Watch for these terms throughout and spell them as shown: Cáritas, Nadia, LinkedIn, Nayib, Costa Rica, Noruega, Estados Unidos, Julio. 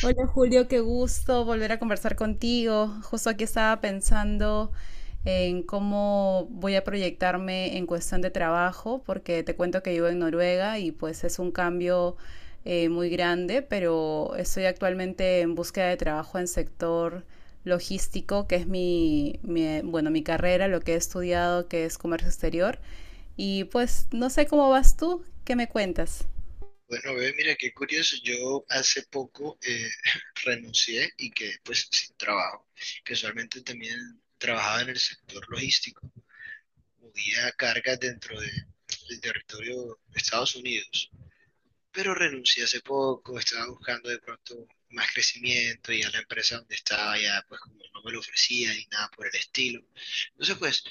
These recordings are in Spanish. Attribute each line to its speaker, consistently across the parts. Speaker 1: Hola Julio, qué gusto volver a conversar contigo. Justo aquí estaba pensando en cómo voy a proyectarme en cuestión de trabajo, porque te cuento que vivo en Noruega y pues es un cambio muy grande, pero estoy actualmente en búsqueda de trabajo en sector logístico, que es mi, mi, bueno, mi carrera, lo que he estudiado, que es comercio exterior. Y pues no sé cómo vas tú, ¿qué me cuentas?
Speaker 2: Bueno, bebé, mira qué curioso. Yo hace poco renuncié y quedé pues sin trabajo. Que usualmente también trabajaba en el sector logístico. Movía cargas del territorio de Estados Unidos. Pero renuncié hace poco. Estaba buscando de pronto más crecimiento y a la empresa donde estaba ya pues como no me lo ofrecía ni nada por el estilo. Entonces pues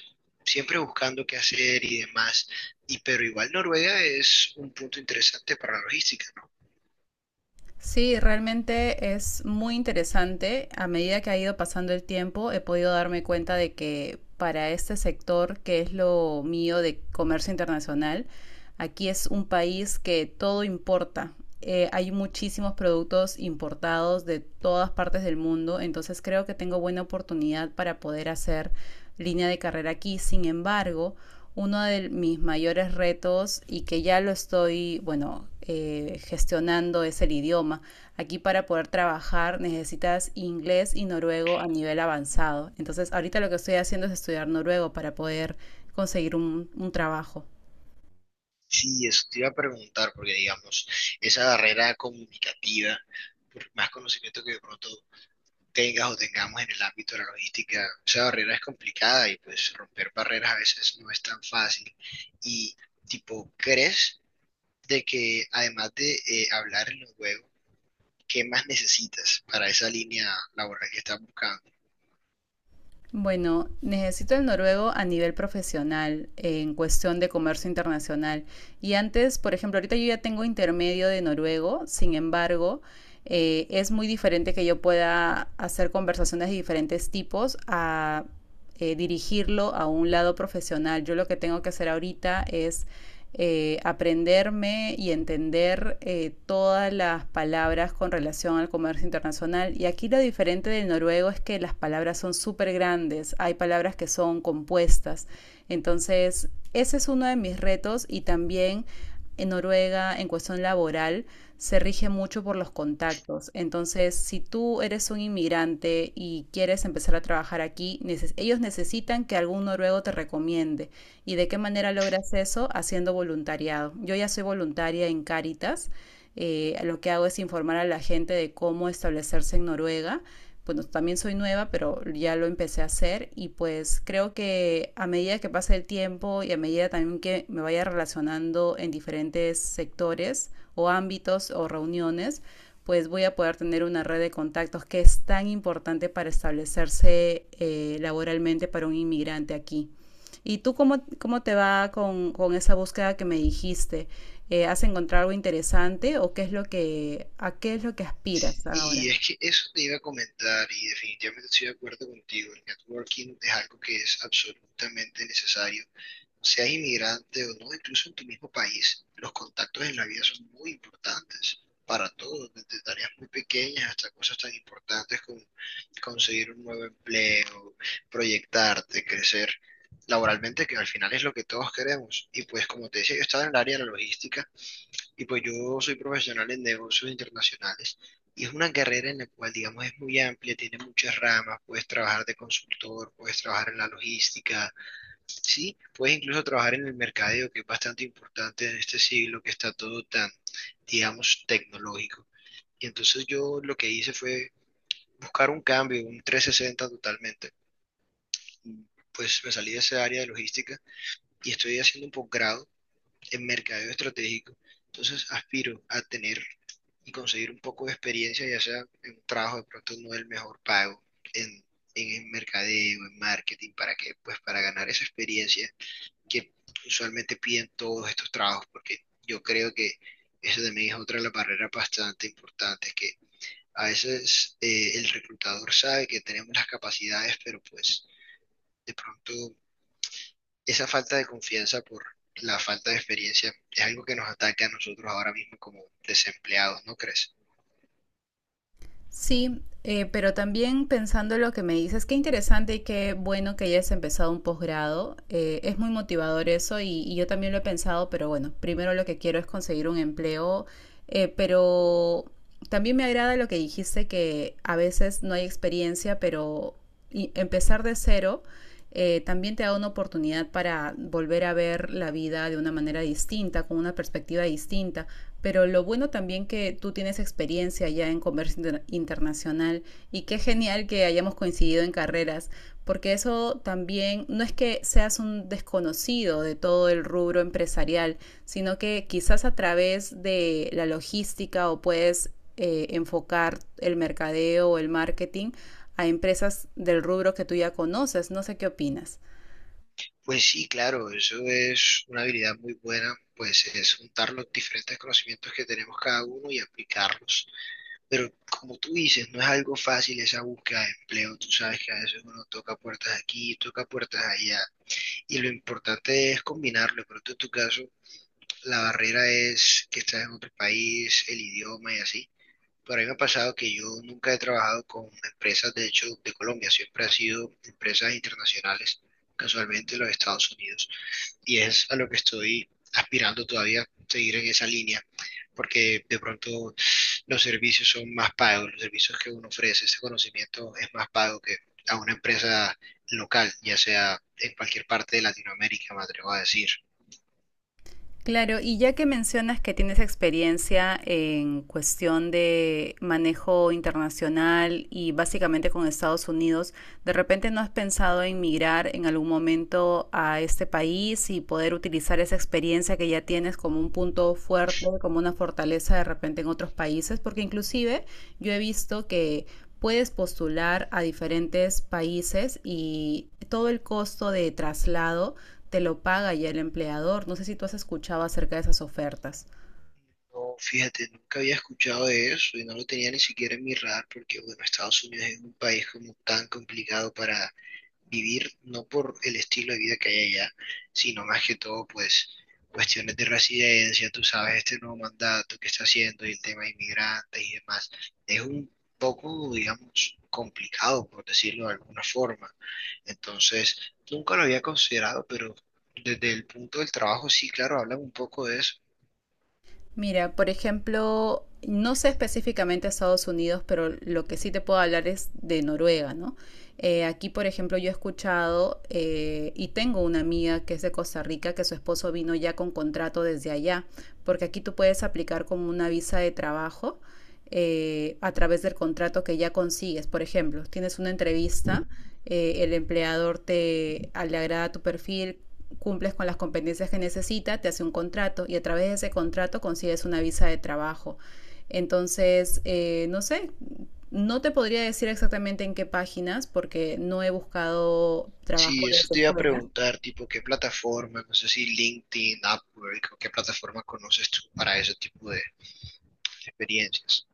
Speaker 2: siempre buscando qué hacer y demás. Y pero igual Noruega es un punto interesante para la logística, ¿no?
Speaker 1: Sí, realmente es muy interesante. A medida que ha ido pasando el tiempo, he podido darme cuenta de que para este sector, que es lo mío de comercio internacional, aquí es un país que todo importa. Hay muchísimos productos importados de todas partes del mundo, entonces creo que tengo buena oportunidad para poder hacer línea de carrera aquí. Sin embargo, uno de mis mayores retos y que ya lo estoy, gestionando, es el idioma. Aquí para poder trabajar necesitas inglés y noruego a nivel avanzado. Entonces ahorita lo que estoy haciendo es estudiar noruego para poder conseguir un trabajo.
Speaker 2: Sí, eso te iba a preguntar, porque digamos, esa barrera comunicativa, por más conocimiento que de pronto tengas o tengamos en el ámbito de la logística, esa barrera es complicada y pues romper barreras a veces no es tan fácil. Y tipo, ¿crees de que además de hablar en los juegos, qué más necesitas para esa línea laboral que estás buscando?
Speaker 1: Bueno, necesito el noruego a nivel profesional, en cuestión de comercio internacional. Y antes, por ejemplo, ahorita yo ya tengo intermedio de noruego, sin embargo, es muy diferente que yo pueda hacer conversaciones de diferentes tipos a dirigirlo a un lado profesional. Yo lo que tengo que hacer ahorita es aprenderme y entender todas las palabras con relación al comercio internacional. Y aquí lo diferente del noruego es que las palabras son súper grandes, hay palabras que son compuestas. Entonces, ese es uno de mis retos y también en Noruega en cuestión laboral se rige mucho por los contactos. Entonces, si tú eres un inmigrante y quieres empezar a trabajar aquí, neces ellos necesitan que algún noruego te recomiende. ¿Y de qué manera logras eso? Haciendo voluntariado. Yo ya soy voluntaria en Cáritas. Lo que hago es informar a la gente de cómo establecerse en Noruega. Bueno, también soy nueva, pero ya lo empecé a hacer y pues creo que a medida que pase el tiempo y a medida también que me vaya relacionando en diferentes sectores o ámbitos o reuniones, pues voy a poder tener una red de contactos que es tan importante para establecerse laboralmente para un inmigrante aquí. ¿Y tú cómo te va con esa búsqueda que me dijiste? ¿Has encontrado algo interesante o qué es lo a qué es lo que aspiras ahora?
Speaker 2: Y es que eso te iba a comentar y definitivamente estoy de acuerdo contigo, el networking es algo que es absolutamente necesario seas inmigrante o no, incluso en tu mismo país, los contactos en la vida son muy importantes para todos, desde tareas muy pequeñas hasta cosas tan importantes como conseguir un nuevo empleo, proyectarte, crecer laboralmente, que al final es lo que todos queremos. Y pues como te decía, yo estaba en el área de la logística y pues yo soy profesional en negocios internacionales. Y es una carrera en la cual, digamos, es muy amplia, tiene muchas ramas, puedes trabajar de consultor, puedes trabajar en la logística. Sí, puedes incluso trabajar en el mercadeo, que es bastante importante en este siglo que está todo tan, digamos, tecnológico. Y entonces yo lo que hice fue buscar un cambio, un 360 totalmente. Pues me salí de esa área de logística y estoy haciendo un posgrado en mercadeo estratégico. Entonces aspiro a tener y conseguir un poco de experiencia, ya sea en un trabajo de pronto no el mejor pago, en, en el mercadeo, en marketing, para que, pues para ganar esa experiencia que usualmente piden todos estos trabajos, porque yo creo que eso también es otra de las barreras bastante importantes, que a veces el reclutador sabe que tenemos las capacidades, pero pues de pronto esa falta de confianza por la falta de experiencia es algo que nos ataca a nosotros ahora mismo como desempleados, ¿no crees?
Speaker 1: Sí, pero también pensando en lo que me dices, qué interesante y qué bueno que hayas empezado un posgrado. Es muy motivador eso y yo también lo he pensado, pero bueno, primero lo que quiero es conseguir un empleo, eh, pero también me agrada lo que dijiste que a veces no hay experiencia, pero empezar de cero también te da una oportunidad para volver a ver la vida de una manera distinta, con una perspectiva distinta. Pero lo bueno también que tú tienes experiencia ya en comercio internacional y qué genial que hayamos coincidido en carreras, porque eso también no es que seas un desconocido de todo el rubro empresarial, sino que quizás a través de la logística o puedes enfocar el mercadeo o el marketing a empresas del rubro que tú ya conoces. No sé qué opinas.
Speaker 2: Pues sí, claro, eso es una habilidad muy buena, pues es juntar los diferentes conocimientos que tenemos cada uno y aplicarlos. Pero como tú dices, no es algo fácil esa búsqueda de empleo. Tú sabes que a veces uno toca puertas aquí, toca puertas allá. Y lo importante es combinarlo. Pero tú, en tu caso, la barrera es que estás en otro país, el idioma y así. Pero a mí me ha pasado que yo nunca he trabajado con empresas, de hecho, de Colombia. Siempre ha sido empresas internacionales, casualmente los Estados Unidos. Y es a lo que estoy aspirando todavía, seguir en esa línea porque de pronto los servicios son más pagos, los servicios que uno ofrece, ese conocimiento es más pago que a una empresa local, ya sea en cualquier parte de Latinoamérica, me atrevo a decir.
Speaker 1: Claro, y ya que mencionas que tienes experiencia en cuestión de manejo internacional y básicamente con Estados Unidos, ¿de repente no has pensado en migrar en algún momento a este país y poder utilizar esa experiencia que ya tienes como un punto fuerte, como una fortaleza de repente en otros países? Porque inclusive yo he visto que puedes postular a diferentes países y todo el costo de traslado te lo paga ya el empleador. No sé si tú has escuchado acerca de esas ofertas.
Speaker 2: No, fíjate, nunca había escuchado de eso y no lo tenía ni siquiera en mi radar porque, bueno, Estados Unidos es un país como tan complicado para vivir, no por el estilo de vida que hay allá, sino más que todo, pues, cuestiones de residencia, tú sabes, este nuevo mandato que está haciendo y el tema de inmigrantes y demás. Es un poco, digamos, complicado, por decirlo de alguna forma. Entonces, nunca lo había considerado, pero desde el punto del trabajo, sí, claro, hablan un poco de eso.
Speaker 1: Mira, por ejemplo, no sé específicamente Estados Unidos, pero lo que sí te puedo hablar es de Noruega, ¿no? Aquí, por ejemplo, yo he escuchado y tengo una amiga que es de Costa Rica, que su esposo vino ya con contrato desde allá, porque aquí tú puedes aplicar como una visa de trabajo a través del contrato que ya consigues. Por ejemplo, tienes una entrevista, el empleador te le agrada tu perfil, cumples con las competencias que necesita, te hace un contrato y a través de ese contrato consigues una visa de trabajo. Entonces, no sé, no te podría decir exactamente en qué páginas porque no he buscado trabajo
Speaker 2: Sí, eso
Speaker 1: desde
Speaker 2: te iba a
Speaker 1: fuera.
Speaker 2: preguntar, tipo, ¿qué plataforma? No sé si LinkedIn, Upwork, o qué plataforma conoces tú para ese tipo de experiencias.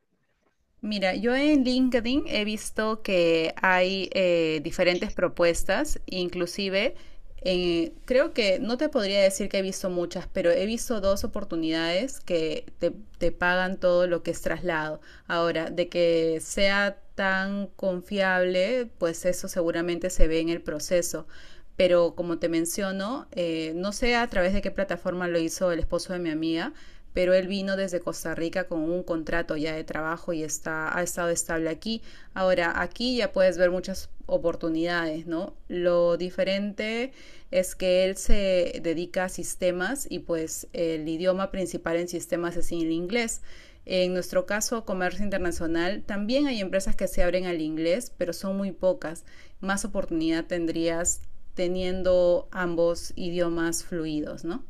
Speaker 1: Mira, yo en LinkedIn he visto que hay diferentes propuestas, inclusive creo que no te podría decir que he visto muchas, pero he visto dos oportunidades que te pagan todo lo que es traslado. Ahora, de que sea tan confiable, pues eso seguramente se ve en el proceso. Pero como te menciono, no sé a través de qué plataforma lo hizo el esposo de mi amiga, pero él vino desde Costa Rica con un contrato ya de trabajo y está, ha estado estable aquí. Ahora, aquí ya puedes ver muchas oportunidades, ¿no? Lo diferente es que él se dedica a sistemas y pues el idioma principal en sistemas es el inglés. En nuestro caso, comercio internacional, también hay empresas que se abren al inglés, pero son muy pocas. Más oportunidad tendrías teniendo ambos idiomas fluidos, ¿no?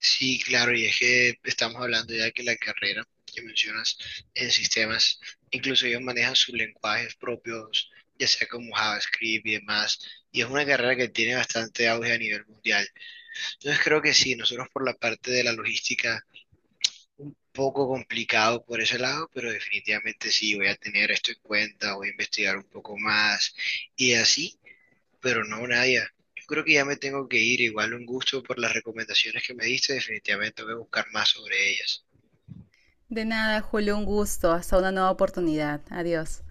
Speaker 2: Sí, claro, y es que estamos hablando ya que la carrera que mencionas en sistemas, incluso ellos manejan sus lenguajes propios, ya sea como JavaScript y demás, y es una carrera que tiene bastante auge a nivel mundial. Entonces creo que sí, nosotros por la parte de la logística un poco complicado por ese lado, pero definitivamente sí, voy a tener esto en cuenta, voy a investigar un poco más y así, pero no, Nadia. Yo creo que ya me tengo que ir, igual un gusto por las recomendaciones que me diste, definitivamente voy a buscar más sobre ellas.
Speaker 1: De nada, Julio, un gusto. Hasta una nueva oportunidad. Adiós.